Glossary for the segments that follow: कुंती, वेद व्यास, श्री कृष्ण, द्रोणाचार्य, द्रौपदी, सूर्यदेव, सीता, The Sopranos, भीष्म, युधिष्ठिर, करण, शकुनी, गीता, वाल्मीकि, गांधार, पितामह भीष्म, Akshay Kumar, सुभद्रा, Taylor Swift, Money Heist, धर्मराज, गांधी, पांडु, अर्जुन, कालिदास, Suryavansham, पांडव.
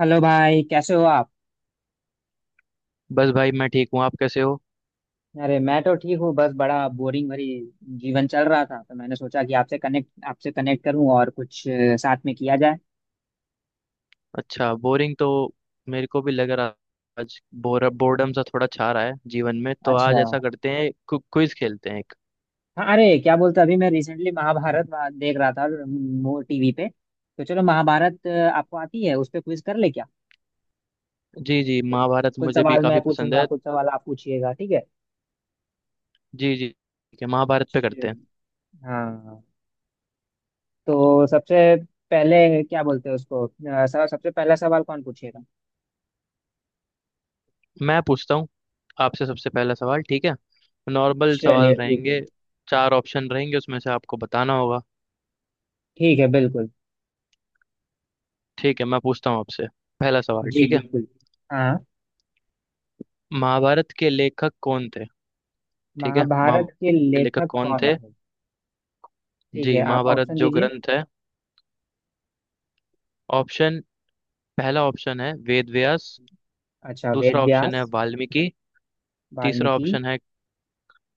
Hello भाई, कैसे हो आप? बस भाई मैं ठीक हूँ। आप कैसे हो? अरे मैं तो ठीक हूँ। बस बड़ा बोरिंग भरी जीवन चल रहा था, तो मैंने सोचा कि आपसे कनेक्ट करूँ और कुछ साथ में किया जाए। अच्छा, बोरिंग तो मेरे को भी लग रहा। आज बोर बोर्डम सा थोड़ा छा रहा है जीवन में, तो आज अच्छा। ऐसा करते हैं क्विज खेलते हैं एक। हाँ, अरे क्या बोलते, अभी मैं रिसेंटली देख रहा था, वो टीवी पे। तो चलो महाभारत, आपको आती है, उस पर क्विज कर ले क्या? जी जी, कुछ महाभारत कुछ मुझे भी सवाल मैं काफी पसंद पूछूंगा, है। कुछ सवाल आप पूछिएगा, ठीक है। जी जी ठीक है, महाभारत पे चलिए। करते हैं। हाँ, तो सबसे पहले क्या बोलते हैं उसको, सबसे पहला सवाल कौन पूछेगा। मैं पूछता हूँ आपसे, सबसे पहला सवाल, ठीक है। नॉर्मल चलिए सवाल ठीक है। रहेंगे, चार ऑप्शन रहेंगे, उसमें से आपको बताना होगा। ठीक है बिल्कुल। ठीक है, मैं पूछता हूँ आपसे पहला सवाल, जी ठीक है। बिल्कुल। हाँ। महाभारत के लेखक कौन थे? ठीक है, महाभारत महाभारत के के लेखक लेखक कौन कौन थे। थे? ठीक है, जी, आप महाभारत ऑप्शन जो दीजिए। ग्रंथ है, ऑप्शन पहला ऑप्शन है वेद व्यास। अच्छा, दूसरा वेद ऑप्शन है व्यास। वाल्मीकि। तीसरा वाल्मीकि। ऑप्शन है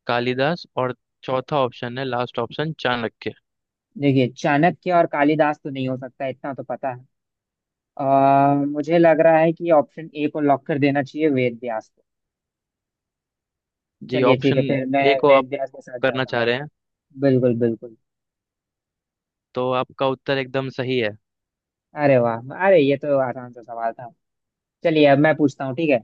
कालिदास। और चौथा ऑप्शन है, लास्ट ऑप्शन, चाणक्य। देखिए, चाणक्य और कालिदास तो नहीं हो सकता, इतना तो पता है। मुझे लग रहा है कि ऑप्शन ए को लॉक कर देना चाहिए, वेद व्यास को। जी, चलिए ठीक ऑप्शन है, फिर मैं ए को आप वेद व्यास के साथ करना जाता हूँ। चाह रहे हैं? बिल्कुल बिल्कुल। तो आपका उत्तर एकदम सही है। अरे वाह! अरे ये तो आसान सा सवाल था। चलिए, अब मैं पूछता हूँ, ठीक है।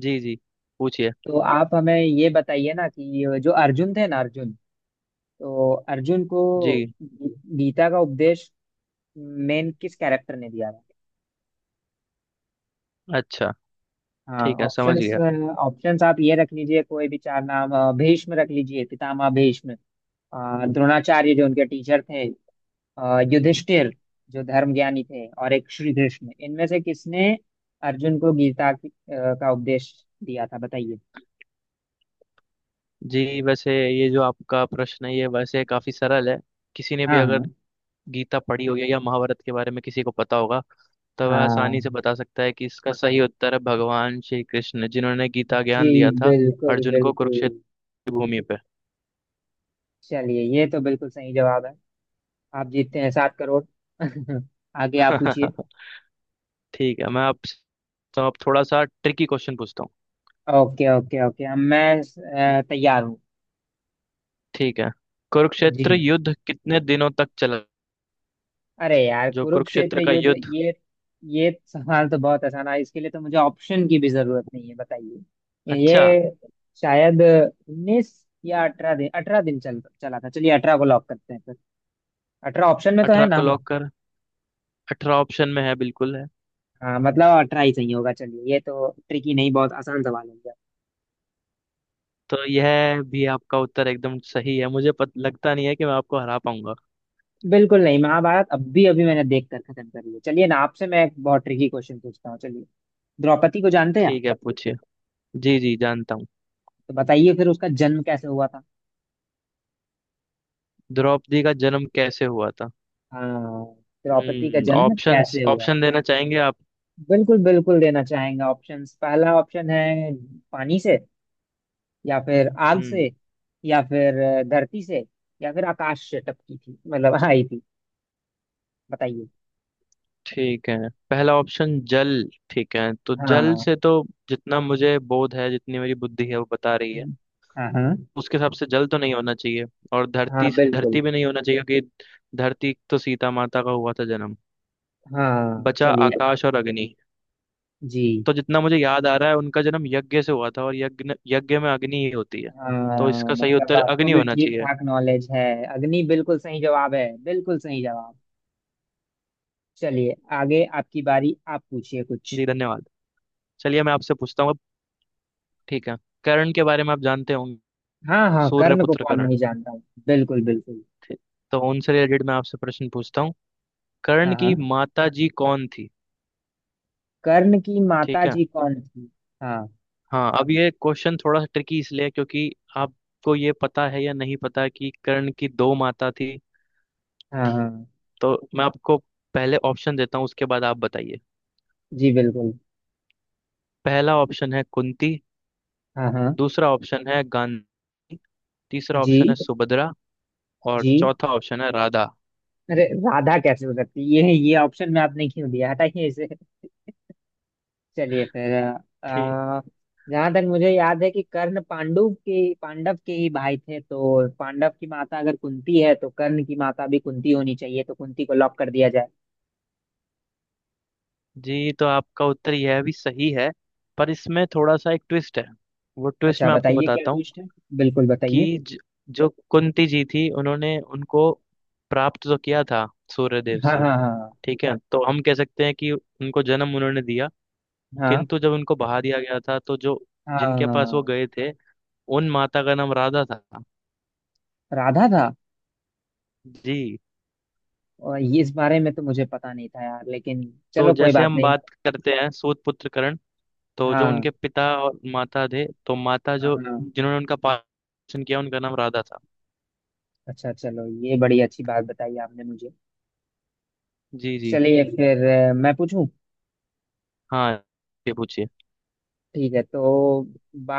जी जी, पूछिए। तो आप हमें ये बताइए ना कि जो अर्जुन थे ना, अर्जुन, तो अर्जुन को जी, गीता का उपदेश मेन किस कैरेक्टर ने दिया था? अच्छा हाँ, ठीक है, समझ ऑप्शंस। गया। ऑप्शंस आप ये रख लीजिए, कोई भी चार नाम, भीष्म रख लीजिए, पितामह भीष्म, द्रोणाचार्य जो उनके टीचर थे, युधिष्ठिर जो धर्म ज्ञानी थे और एक श्री कृष्ण। इनमें से किसने अर्जुन को गीता की, का उपदेश दिया था, बताइए। जी वैसे ये जो आपका प्रश्न है, ये वैसे काफी सरल है। किसी ने भी हाँ हाँ अगर गीता पढ़ी होगी या महाभारत के बारे में किसी को पता होगा, तो वह आसानी से हाँ। बता सकता है कि इसका सही उत्तर है भगवान श्री कृष्ण, जिन्होंने गीता जी ज्ञान दिया था बिल्कुल अर्जुन को बिल्कुल। कुरुक्षेत्र की भूमि पे। चलिए, ये तो बिल्कुल सही जवाब है। आप जीतते हैं 7 करोड़। आगे आप पूछिए। ठीक है, मैं आपसे तो आप थोड़ा सा ट्रिकी क्वेश्चन पूछता हूँ, ओके ओके ओके, अब मैं तैयार हूँ। ठीक है। जी। कुरुक्षेत्र युद्ध कितने दिनों तक चला? अरे यार जो कुरुक्षेत्र कुरुक्षेत्र का युद्ध, युद्ध। ये सवाल तो बहुत आसान है, इसके लिए तो मुझे ऑप्शन की भी जरूरत नहीं है। बताइए अच्छा, ये, शायद 19 या 18 दिन। 18 दिन चल चला था। चलिए, 18 को लॉक करते हैं फिर। 18 ऑप्शन में तो है अठारह को ना? लॉक कर, अठारह ऑप्शन में है, बिल्कुल है। हाँ, मतलब 18 ही सही होगा। चलिए, ये तो ट्रिकी नहीं, बहुत आसान सवाल है। तो यह भी आपका उत्तर एकदम सही है। मुझे लगता नहीं है कि मैं आपको हरा पाऊंगा। बिल्कुल नहीं, महाभारत अब भी अभी मैंने देख कर खत्म कर लिया। चलिए ना, आपसे मैं एक बहुत ट्रिकी क्वेश्चन पूछता हूँ, चलिए। द्रौपदी को जानते हैं आप? ठीक है, पूछिए। जी जी, जानता हूँ। तो बताइए फिर, उसका जन्म कैसे हुआ था? द्रौपदी का जन्म कैसे हुआ था? हाँ, द्रौपदी का जन्म ऑप्शंस कैसे हुआ ऑप्शन था? देना चाहेंगे आप? बिल्कुल बिल्कुल देना चाहेंगे ऑप्शंस। पहला ऑप्शन है पानी से, या फिर आग हम्म। से, या फिर धरती से, या फिर आकाश से टपकी थी, मतलब आई थी। बताइए। ठीक है, पहला ऑप्शन जल, ठीक है, तो जल हाँ से तो, जितना मुझे बोध है, जितनी मेरी बुद्धि है वो बता रही है, हाँ। हाँ, उसके हिसाब से जल तो नहीं होना चाहिए। और हाँ धरती से, बिल्कुल। धरती भी नहीं होना चाहिए, क्योंकि धरती तो सीता माता का हुआ था जन्म। हाँ, बचा चलिए। आकाश और अग्नि। जी। तो जितना मुझे याद आ रहा है, उनका जन्म यज्ञ से हुआ था, और यज्ञ यज्ञ में अग्नि ही होती है। तो हाँ, इसका सही मतलब उत्तर आपको अग्नि भी होना ठीक चाहिए। ठाक नॉलेज है। अग्नि बिल्कुल सही जवाब है, बिल्कुल सही जवाब। चलिए, आगे आपकी बारी, आप पूछिए कुछ। जी धन्यवाद। चलिए मैं आपसे पूछता हूँ, ठीक है। करण के बारे में आप जानते होंगे, हाँ हाँ, कर्ण को सूर्यपुत्र कौन करण। नहीं जानता। बिल्कुल बिल्कुल। ठीक। तो उनसे रिलेटेड मैं आपसे प्रश्न पूछता हूँ। करण हाँ की हाँ, माता जी कौन थी? कर्ण की माता ठीक है। जी कौन थी? हाँ। हाँ, अब ये क्वेश्चन थोड़ा सा ट्रिकी, इसलिए क्योंकि आपको ये पता है या नहीं पता कि कर्ण की दो माता थी। हाँ हाँ। तो मैं आपको पहले ऑप्शन देता हूँ, उसके बाद आप बताइए। जी बिल्कुल। पहला ऑप्शन है कुंती। हाँ हाँ। दूसरा ऑप्शन है गांधी। तीसरा ऑप्शन है जी। सुभद्रा। और जी। चौथा ऑप्शन है राधा। अरे राधा कैसे हो सकती है? ये ऑप्शन में आपने क्यों दिया, हटाइए इसे। चलिए फिर आ, जहां तक मुझे याद है कि कर्ण पांडु के, पांडव के ही भाई थे, तो पांडव की माता अगर कुंती है, तो कर्ण की माता भी कुंती होनी चाहिए, तो कुंती को लॉक कर दिया जाए। जी, तो आपका उत्तर यह भी सही है, पर इसमें थोड़ा सा एक ट्विस्ट है। वो ट्विस्ट अच्छा, मैं आपको बताइए क्या बताता हूँ। ट्विस्ट है, बिल्कुल बताइए। कि जो कुंती जी थी, उन्होंने उनको प्राप्त तो किया था सूर्यदेव हाँ से। हाँ हाँ। ठीक है, तो हम कह सकते हैं कि उनको जन्म उन्होंने दिया, हाँ। किंतु जब उनको बहा दिया गया था, तो जो जिनके पास वो हाँ, गए थे, उन माता का नाम राधा था। राधा था। जी। और ये, इस बारे में तो मुझे पता नहीं था यार, लेकिन तो चलो कोई जैसे बात हम नहीं। बात करते हैं सूत पुत्र करण, तो जो हाँ उनके पिता और माता थे, तो माता हाँ। जो हाँ। जिन्होंने उनका पालन पोषण किया, उनका नाम राधा था। अच्छा, चलो, ये बड़ी अच्छी बात बताई आपने मुझे। जी जी। चलिए फिर मैं पूछूं। हाँ, ये पूछिए। ठीक है, तो बा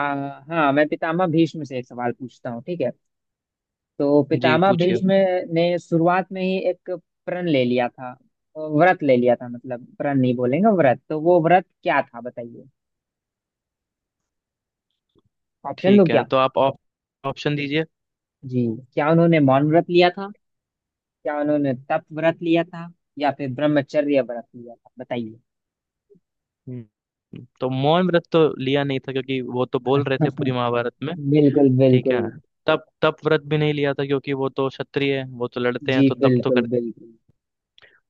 हाँ, मैं पितामह भीष्म से एक सवाल पूछता हूँ, ठीक है। तो जी, पितामह पूछिए। भीष्म ने शुरुआत में ही एक प्रण ले लिया था, व्रत ले लिया था, मतलब प्रण नहीं बोलेंगे, व्रत। तो वो व्रत क्या था, बताइए, ऑप्शन दो ठीक है, क्या। तो आप ऑप्शन दीजिए। जी। क्या उन्होंने मौन व्रत लिया था? क्या उन्होंने तप व्रत लिया था? या फिर ब्रह्मचर्य व्रत लिया था, बताइए। तो मौन व्रत तो लिया नहीं था, क्योंकि वो तो बोल रहे थे पूरी महाभारत में। बिल्कुल ठीक बिल्कुल। है, तप तप व्रत भी नहीं लिया था, क्योंकि वो तो क्षत्रिय है, वो तो लड़ते जी हैं, तो तप तो बिल्कुल कर। बिल्कुल।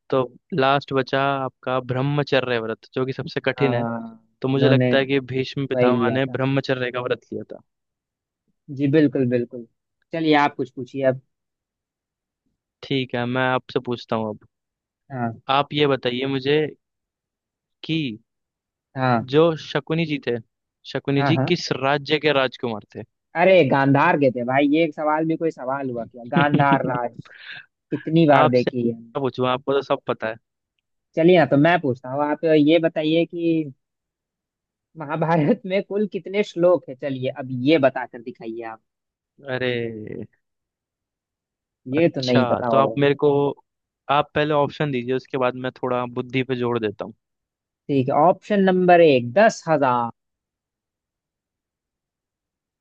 तो लास्ट बचा आपका ब्रह्मचर्य व्रत, जो कि सबसे कठिन है। हाँ, तो मुझे उन्होंने लगता है कि भीष्म वही पितामह लिया ने था। ब्रह्मचर्य का व्रत लिया था। जी बिल्कुल बिल्कुल। चलिए, आप कुछ पूछिए। ठीक है, मैं आपसे पूछता हूँ अब। हाँ आप ये बताइए मुझे, कि हाँ। जो शकुनी जी थे, शकुनी हाँ जी हाँ, किस राज्य के राजकुमार थे? अरे गांधार के थे भाई, ये एक सवाल भी कोई सवाल हुआ क्या? गांधार राज, कितनी बार आपसे देखी है हमने। क्या पूछूं, आपको तो सब पता है। चलिए ना, तो मैं पूछता हूँ, आप ये बताइए कि महाभारत में कुल कितने श्लोक है? चलिए अब ये बताकर दिखाइए आप, अरे, ये तो अच्छा नहीं पता तो आप होगा। मेरे को, आप पहले ऑप्शन दीजिए, उसके बाद मैं थोड़ा बुद्धि पे जोड़ देता हूँ। ठीक है, ऑप्शन नंबर 1, 10,000।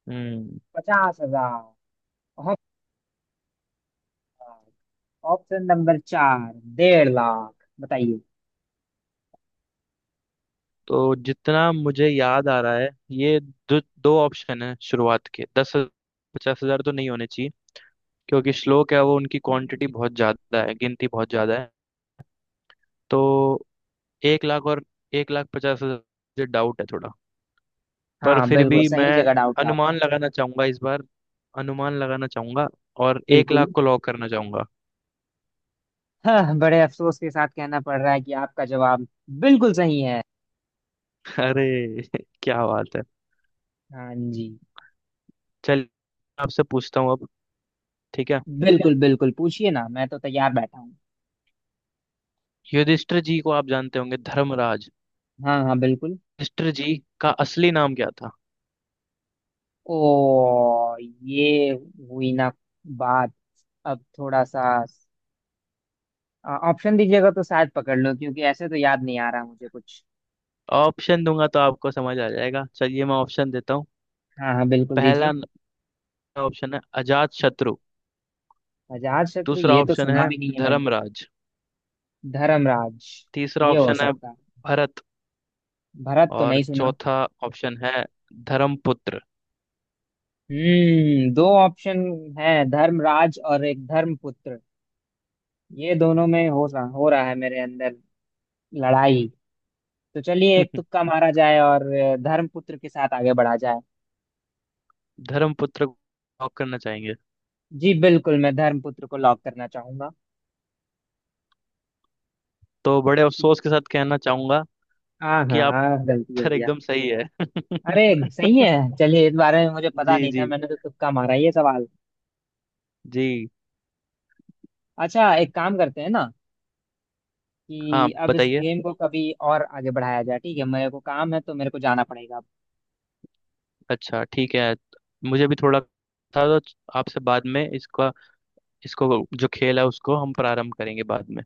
हम्म, 50,000। Option number 4, 1.5 lakh. बताइए। तो जितना मुझे याद आ रहा है, ये दो दो ऑप्शन है शुरुआत के दस। पचास हजार तो नहीं होने चाहिए, क्योंकि श्लोक है वो, उनकी क्वांटिटी बहुत ज्यादा है, गिनती बहुत ज्यादा है। तो एक लाख और एक लाख पचास हजार, डाउट है थोड़ा। पर हाँ, फिर बिल्कुल भी सही मैं जगह डाउट है आपका। अनुमान लगाना चाहूंगा इस बार, अनुमान लगाना चाहूंगा, और एक लाख बिल्कुल। को लॉक करना चाहूंगा। हाँ, बड़े अफसोस के साथ कहना पड़ रहा है कि आपका जवाब बिल्कुल सही है। अरे, क्या बात है। हाँ जी। चलिए आपसे पूछता हूँ अब, ठीक है। बिल्कुल बिल्कुल, पूछिए ना, मैं तो तैयार बैठा हूँ। युधिष्ठिर जी को आप जानते होंगे, धर्मराज हाँ हाँ बिल्कुल। युधिष्ठिर जी का असली नाम क्या था? ओ! ये हुई ना बात। अब थोड़ा सा ऑप्शन दीजिएगा तो शायद पकड़ लो, क्योंकि ऐसे तो याद नहीं आ रहा मुझे कुछ। ऑप्शन दूंगा तो आपको समझ आ जाएगा, चलिए मैं ऑप्शन देता हूँ। हाँ हाँ बिल्कुल पहला दीजिए। ऑप्शन है अजात शत्रु। अजात शत्रु, दूसरा ये तो ऑप्शन सुना है भी नहीं है मैंने। धर्मराज। धर्मराज, तीसरा ये हो ऑप्शन है सकता है। भरत। भरत तो और नहीं सुना। चौथा ऑप्शन है धर्मपुत्र। हम्म, दो ऑप्शन है, धर्मराज और एक धर्मपुत्र। ये दोनों में हो रहा है मेरे अंदर लड़ाई। तो चलिए, एक तुक्का मारा जाए और धर्मपुत्र के साथ आगे बढ़ा जाए। धर्मपुत्र को लॉक करना चाहेंगे? जी बिल्कुल, मैं धर्मपुत्र को लॉक करना चाहूंगा। तो बड़े अफसोस के साथ कहना चाहूंगा हाँ कि हाँ आप हाँ, गलती हो सर गया। एकदम सही है। अरे, सही है। चलिए, इस बारे में मुझे पता जी नहीं था, जी। मैंने तो तुक्का मारा ये सवाल। जी, अच्छा, एक काम करते हैं ना हाँ कि अब इस बताइए। गेम को कभी और आगे बढ़ाया जाए, ठीक है, मेरे को काम है तो मेरे को जाना पड़ेगा। अच्छा ठीक है, मुझे भी थोड़ा था, तो आपसे बाद में इसका, इसको, जो खेल है उसको हम प्रारंभ करेंगे बाद में।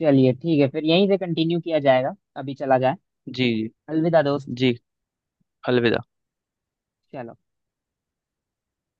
चलिए ठीक है फिर, यहीं से कंटिन्यू किया जाएगा, अभी चला जाए। जी अलविदा दोस्त। जी। जी, अलविदा। चलो।